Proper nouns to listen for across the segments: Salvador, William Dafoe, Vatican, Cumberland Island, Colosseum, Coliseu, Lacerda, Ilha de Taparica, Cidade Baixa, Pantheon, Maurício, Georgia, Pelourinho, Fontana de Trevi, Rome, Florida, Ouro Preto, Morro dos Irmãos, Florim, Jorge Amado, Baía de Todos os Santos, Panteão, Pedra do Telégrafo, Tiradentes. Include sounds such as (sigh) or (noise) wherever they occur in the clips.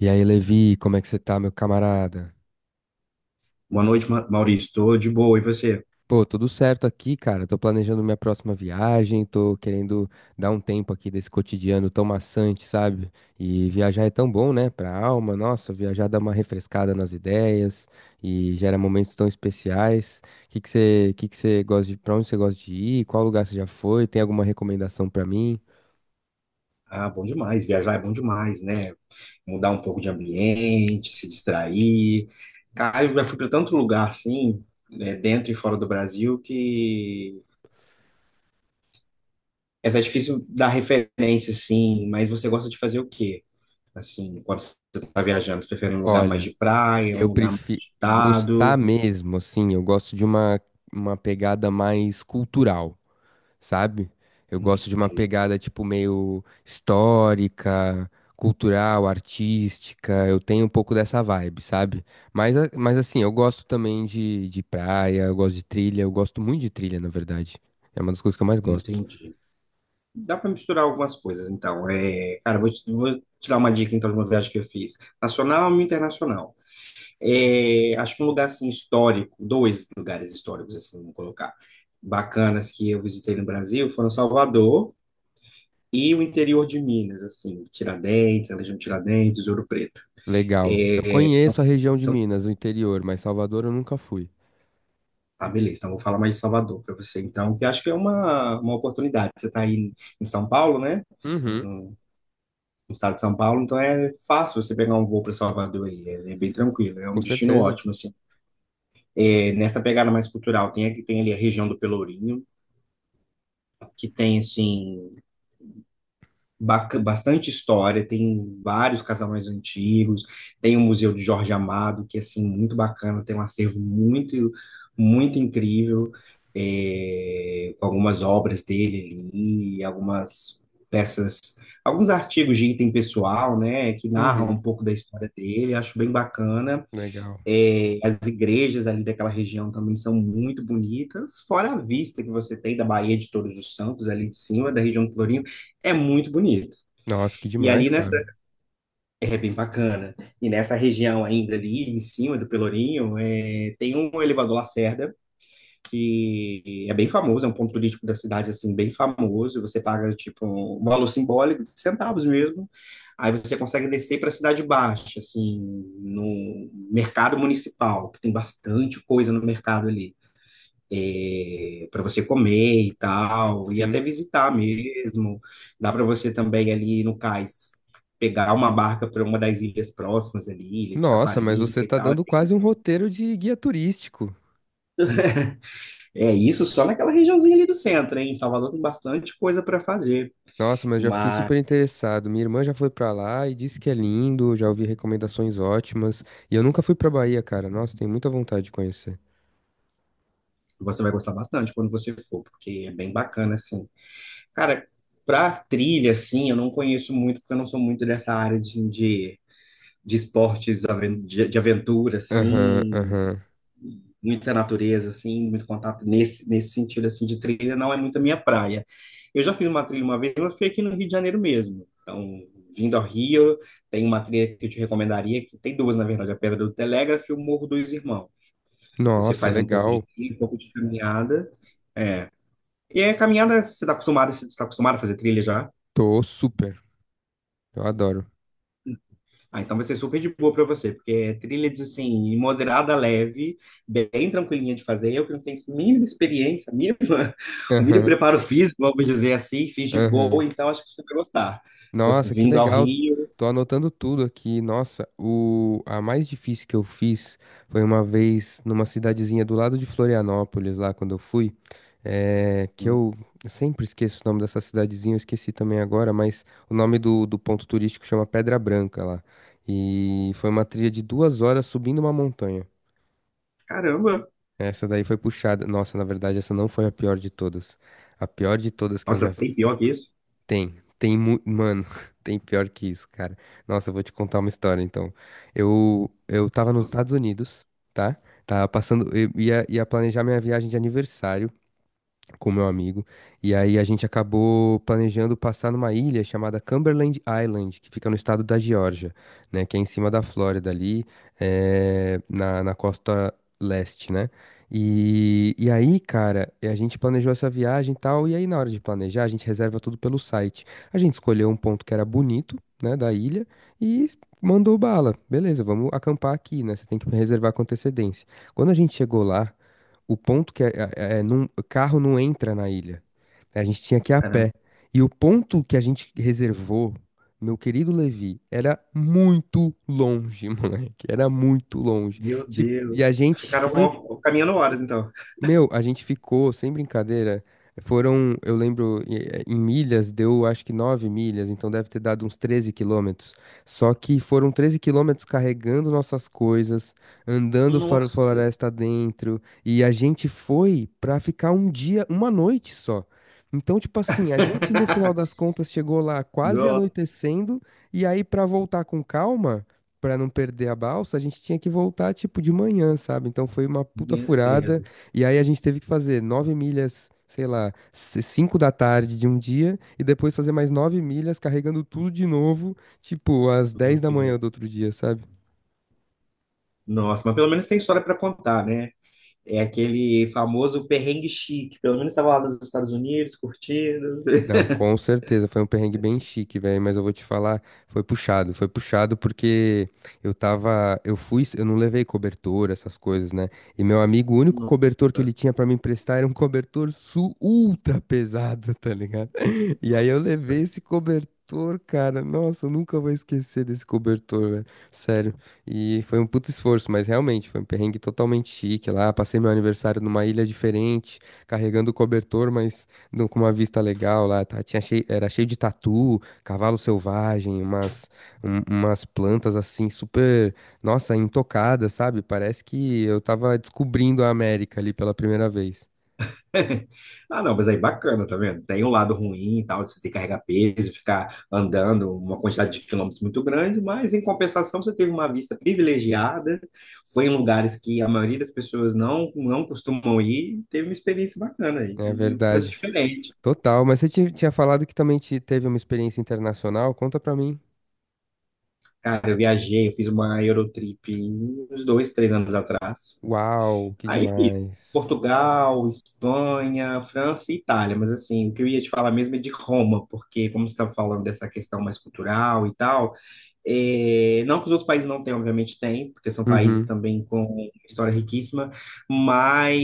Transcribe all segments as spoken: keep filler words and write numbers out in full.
E aí, Levi, como é que você tá, meu camarada? Boa noite, Ma- Maurício. Tô de boa. E você? Pô, tudo certo aqui, cara. Tô planejando minha próxima viagem, tô querendo dar um tempo aqui desse cotidiano tão maçante, sabe? E viajar é tão bom, né, pra alma. Nossa, viajar dá uma refrescada nas ideias e gera momentos tão especiais. Que que você, que que você gosta de, Pra onde você gosta de ir? Qual lugar você já foi? Tem alguma recomendação pra mim? Ah, bom demais. Viajar é bom demais, né? Mudar um pouco de ambiente, se distrair. Cara, eu já fui para tanto lugar assim, né, dentro e fora do Brasil, que é até difícil dar referência, assim. Mas você gosta de fazer o quê? Assim, quando você está viajando, você prefere um lugar mais Olha, de praia, um eu lugar mais prefiro gostar agitado? mesmo, assim, eu gosto de uma, uma pegada mais cultural, sabe? Eu gosto de uma Entendi. pegada tipo meio histórica, cultural, artística. Eu tenho um pouco dessa vibe, sabe? Mas, a- mas assim, eu gosto também de, de praia, eu gosto de trilha, eu gosto muito de trilha, na verdade. É uma das coisas que eu mais gosto. Entendi. Dá para misturar algumas coisas, então. É, cara, vou te, vou te dar uma dica, então, de uma viagem que eu fiz. Nacional e internacional. É, acho que um lugar, assim, histórico, dois lugares históricos, assim, vamos colocar, bacanas que eu visitei no Brasil foram Salvador e o interior de Minas, assim, Tiradentes, a região de Tiradentes, Ouro Preto. Legal. Eu É, conheço são- a região de são- Minas, o interior, mas Salvador eu nunca fui. ah, beleza, então vou falar mais de Salvador para você, então, que eu acho que é uma, uma oportunidade. Você está aí em São Paulo, né? Uhum, No estado de São Paulo, então é fácil você pegar um voo para Salvador aí, é, é bem tranquilo, é um com destino certeza. ótimo, assim. É, nessa pegada mais cultural, tem, aqui- tem ali a região do Pelourinho, que tem, assim, bac- bastante história, tem vários casarões antigos, tem o Museu de Jorge Amado, que é assim, muito bacana, tem um acervo muito, muito incrível, é, com algumas obras dele ali, algumas peças, alguns artigos de item pessoal, né, que narram um Uhum, pouco da história dele, acho bem bacana. legal. É, as igrejas ali daquela região também são muito bonitas, fora a vista que você tem da Baía de Todos os Santos, ali de cima, da região de Florim, é muito bonito. Nossa, que E demais, ali nessa. cara. É bem bacana. E nessa região ainda ali, em cima do Pelourinho, é, tem um elevador Lacerda, que é bem famoso, é um ponto turístico da cidade, assim, bem famoso. Você paga, tipo, um valor simbólico, centavos mesmo. Aí você consegue descer para a Cidade Baixa, assim, no mercado municipal, que tem bastante coisa no mercado ali para você comer e tal, e Sim. até visitar mesmo. Dá para você também ali no cais pegar uma barca para uma das ilhas próximas ali, Ilha de Nossa, mas você Taparica e tá tal. dando quase um roteiro de guia turístico. É isso só naquela regiãozinha ali do centro, hein? Em Salvador tem bastante coisa para fazer, Nossa, mas eu já fiquei mas super interessado. Minha irmã já foi pra lá e disse que é lindo, já ouvi recomendações ótimas. E eu nunca fui pra Bahia, cara. Nossa, tenho muita vontade de conhecer. você vai gostar bastante quando você for, porque é bem bacana assim. Cara, para trilha assim, eu não conheço muito, porque eu não sou muito dessa área de de de esportes aven- de de aventura, Aham, assim, aham. muita natureza, assim, muito contato nesse, nesse sentido, assim, de trilha, não é muito a minha praia. Eu já fiz uma trilha uma vez, mas foi aqui no Rio de Janeiro mesmo. Então, vindo ao Rio, tem uma trilha que eu te recomendaria, que tem duas, na verdade, a Pedra do Telégrafo e o Morro dos Irmãos. Você Nossa, faz um pouco de legal. trilha, um pouco de caminhada. É. E a caminhada, você está acostumado, você está acostumado a fazer trilha já? Tô super. Eu adoro. Ah, então vai ser super de boa para você, porque é trilha de, assim, moderada, leve, bem tranquilinha de fazer. Eu que não tenho mínima experiência, mínima, (laughs) o mínimo Aham, preparo físico, vamos dizer assim, fiz de aham. boa, então acho que você vai gostar. Se você Nossa, que vindo ao legal. Rio. Tô anotando tudo aqui. Nossa, o a mais difícil que eu fiz foi uma vez numa cidadezinha do lado de Florianópolis, lá quando eu fui, eh, que Hum. eu sempre esqueço o nome dessa cidadezinha, eu esqueci também agora, mas o nome do, do ponto turístico chama Pedra Branca lá. E foi uma trilha de duas horas subindo uma montanha. Caramba. Essa daí foi puxada. Nossa, na verdade, essa não foi a pior de todas. A pior de todas que eu Nossa, já tem pior que isso? tem, tem, mu- mano, (laughs) tem pior que isso, cara. Nossa, eu vou te contar uma história, então. Eu, eu tava nos Estados Unidos, tá? Tava passando, eu ia, ia planejar minha viagem de aniversário com meu amigo. E aí a gente acabou planejando passar numa ilha chamada Cumberland Island, que fica no estado da Geórgia, né? Que é em cima da Flórida ali, eh, na, na costa leste, né? E, e aí, cara, a gente planejou essa viagem e tal, e aí na hora de planejar, a gente reserva tudo pelo site. A gente escolheu um ponto que era bonito, né, da ilha, e mandou bala. Beleza, vamos acampar aqui, né? Você tem que reservar com antecedência. Quando a gente chegou lá, o ponto que a, é, não- carro não entra na ilha. A gente tinha que ir a Caramba, pé. E o ponto que a gente reservou, meu querido Levi, era muito longe, (laughs) moleque. Era muito longe. meu Tipo, Deus. e a gente Ficaram foi ó, caminhando horas, então. meu, a gente ficou, sem brincadeira, foram, eu lembro, eh, em milhas, deu acho que nove milhas, então deve ter dado uns treze quilômetros. Só que foram treze quilômetros carregando nossas coisas, andando fora Nossa, Deus. floresta dentro, e a gente foi pra ficar um dia, uma noite só. Então, tipo assim, a gente no final (laughs) das contas chegou lá quase Nossa, anoitecendo, e aí pra voltar com calma, pra não perder a balsa, a gente tinha que voltar tipo de manhã, sabe? Então foi uma puta minha furada. cedo. E aí a gente teve que fazer nove milhas, sei lá, c- cinco da tarde de um dia, e depois fazer mais nove milhas carregando tudo de novo, tipo, às Meu dez da manhã Deus. do outro dia, sabe? Nossa, mas pelo menos tem história para contar, né? É aquele famoso perrengue chique. Pelo menos estava lá nos Estados Unidos, curtindo. Não, com certeza, foi um perrengue bem chique, velho, mas eu vou te falar, foi puxado, foi puxado porque eu tava, eu fui, eu não levei cobertor, essas coisas, né? E meu amigo, o único Não. cobertor que ele tinha pra me emprestar era um cobertor su ultra pesado, tá ligado? (laughs) E aí eu levei Nossa. esse cobertor, cara, nossa, eu nunca vou esquecer desse cobertor, velho, sério. E foi um puto esforço, mas realmente foi um perrengue totalmente chique lá, passei meu aniversário numa ilha diferente, carregando o cobertor, mas no- com uma vista legal lá, tá? Tinha cheio, era cheio de tatu, cavalo selvagem, umas, um- umas plantas assim super, nossa, intocadas, sabe? Parece que eu tava descobrindo a América ali pela primeira vez. (laughs) Ah, não, mas aí bacana, tá vendo? Tem um lado ruim e tal, de você ter que carregar peso, ficar andando uma quantidade de quilômetros muito grande, mas em compensação você teve uma vista privilegiada, foi em lugares que a maioria das pessoas não, não costumam ir, teve uma experiência bacana aí, É e coisa verdade. diferente. Total, mas você ti- tinha falado que também te- teve uma experiência internacional? Conta pra mim. Cara, eu viajei, eu fiz uma Eurotrip uns dois, três anos atrás. Uau, que Aí fiz demais. Portugal, Espanha, França e Itália, mas assim, o que eu ia te falar mesmo é de Roma, porque como você estava falando dessa questão mais cultural e tal, é, não que os outros países não tenham, obviamente tem, porque são países Uhum. também com história riquíssima, mas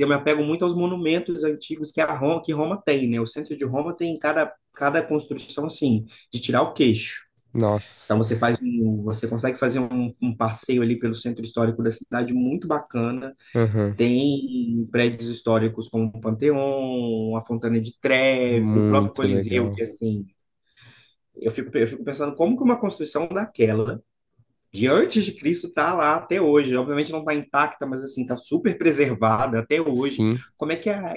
eu me apego muito aos monumentos antigos que a Roma, que Roma tem, né? O centro de Roma tem cada, cada construção, assim, de tirar o queixo. Nossa. Então você faz um, você consegue fazer um um passeio ali pelo centro histórico da cidade muito bacana, Uhum. tem prédios históricos como o Panteão, a Fontana de Trevi, o próprio Muito Coliseu, legal. que assim, eu fico, eu fico pensando como que uma construção daquela, de antes de Cristo, está lá até hoje. Obviamente não está intacta, mas assim, está super preservada até hoje. Sim. Como é que a,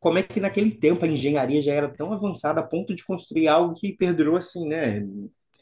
como é que naquele tempo a engenharia já era tão avançada a ponto de construir algo que perdurou assim, né?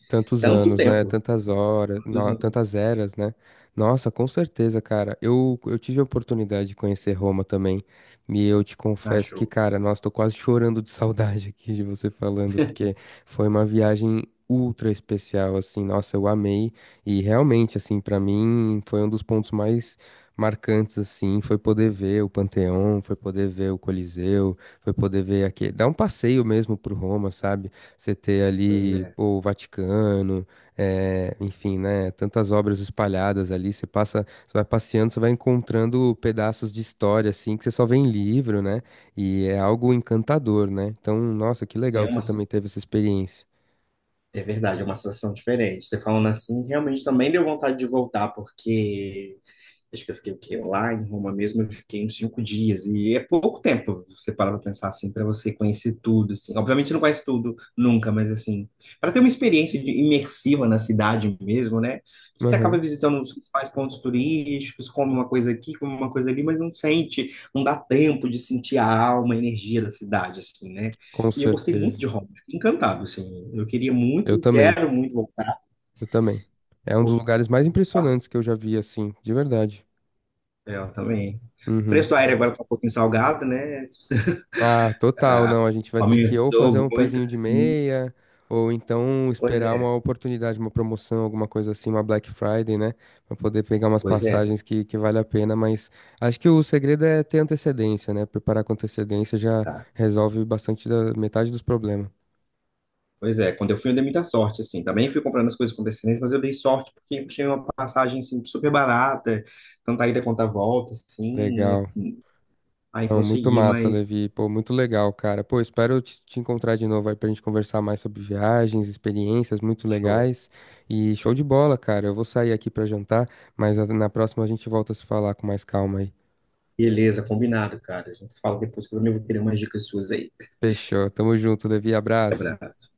Tantos Tanto anos, né? tempo. Tantas horas, Tantos no- anos. tantas eras, né? Nossa, com certeza, cara. Eu, eu tive a oportunidade de conhecer Roma também. E eu te Ah, confesso que, show. cara, nossa, tô quase chorando de saudade (laughs) aqui de você falando, porque foi uma viagem ultra especial, assim. Nossa, eu amei. E realmente, assim, pra mim foi um dos pontos mais marcantes, assim. Foi poder ver o Panteão, foi poder ver o Coliseu, foi poder ver aqui, dar um passeio mesmo pro Roma, sabe? Você ter Pois ali, é. pô, o Vaticano, eh, enfim, né? Tantas obras espalhadas ali. Você passa, você vai passeando, você vai encontrando pedaços de história, assim, que você só vê em livro, né? E é algo encantador, né? Então, nossa, que É legal que você uma. também teve essa experiência. É verdade, é uma sensação diferente. Você falando assim, realmente também deu vontade de voltar, porque acho que eu fiquei o quê? Lá em Roma mesmo, eu fiquei uns cinco dias. E é pouco tempo, você para pra pensar assim, para você conhecer tudo, assim. Obviamente não conhece tudo nunca, mas assim, para ter uma experiência de- imersiva na cidade mesmo, né? Você acaba Aham, visitando os principais pontos turísticos, come uma coisa aqui, come uma coisa ali, mas não sente, não dá tempo de sentir a alma, a energia da cidade, assim, né? com E eu gostei muito de certeza. Roma, fiquei encantado, assim. Eu queria Eu muito, também, quero muito voltar. eu também. É um dos lugares mais impressionantes que eu já vi, assim, de verdade. É, eu também. O Uhum. preço do aéreo agora está um pouquinho salgado, né? Ah, total, Ah, não. A gente vai ter que ou fazer aumentou um muito, pezinho de sim. meia, ou então Pois esperar é, uma oportunidade, uma promoção, alguma coisa assim, uma Black Friday, né? Pra poder pegar umas pois é, tem passagens que que, que vale a pena. Mas acho que o segredo é ter antecedência, né? Preparar com antecedência já estar. resolve bastante da metade dos problemas. Pois é, quando eu fui, eu dei muita sorte, assim. Também fui comprando as coisas com antecedência, mas eu dei sorte porque eu tinha uma passagem, assim, super barata, tanto a ida quanto a volta, assim. Legal. Aí Não, muito consegui, massa, mas Levi. Pô, muito legal, cara. Pô, espero te te encontrar de novo aí pra gente conversar mais sobre viagens, experiências muito show. legais. E show de bola, cara. Eu vou sair aqui pra jantar, mas a- na próxima a gente volta a se falar com mais calma aí. Beleza, combinado, cara. A gente se fala depois que eu também vou querer umas dicas suas aí. Fechou. Tamo junto, Levi. Abraço. Abraço.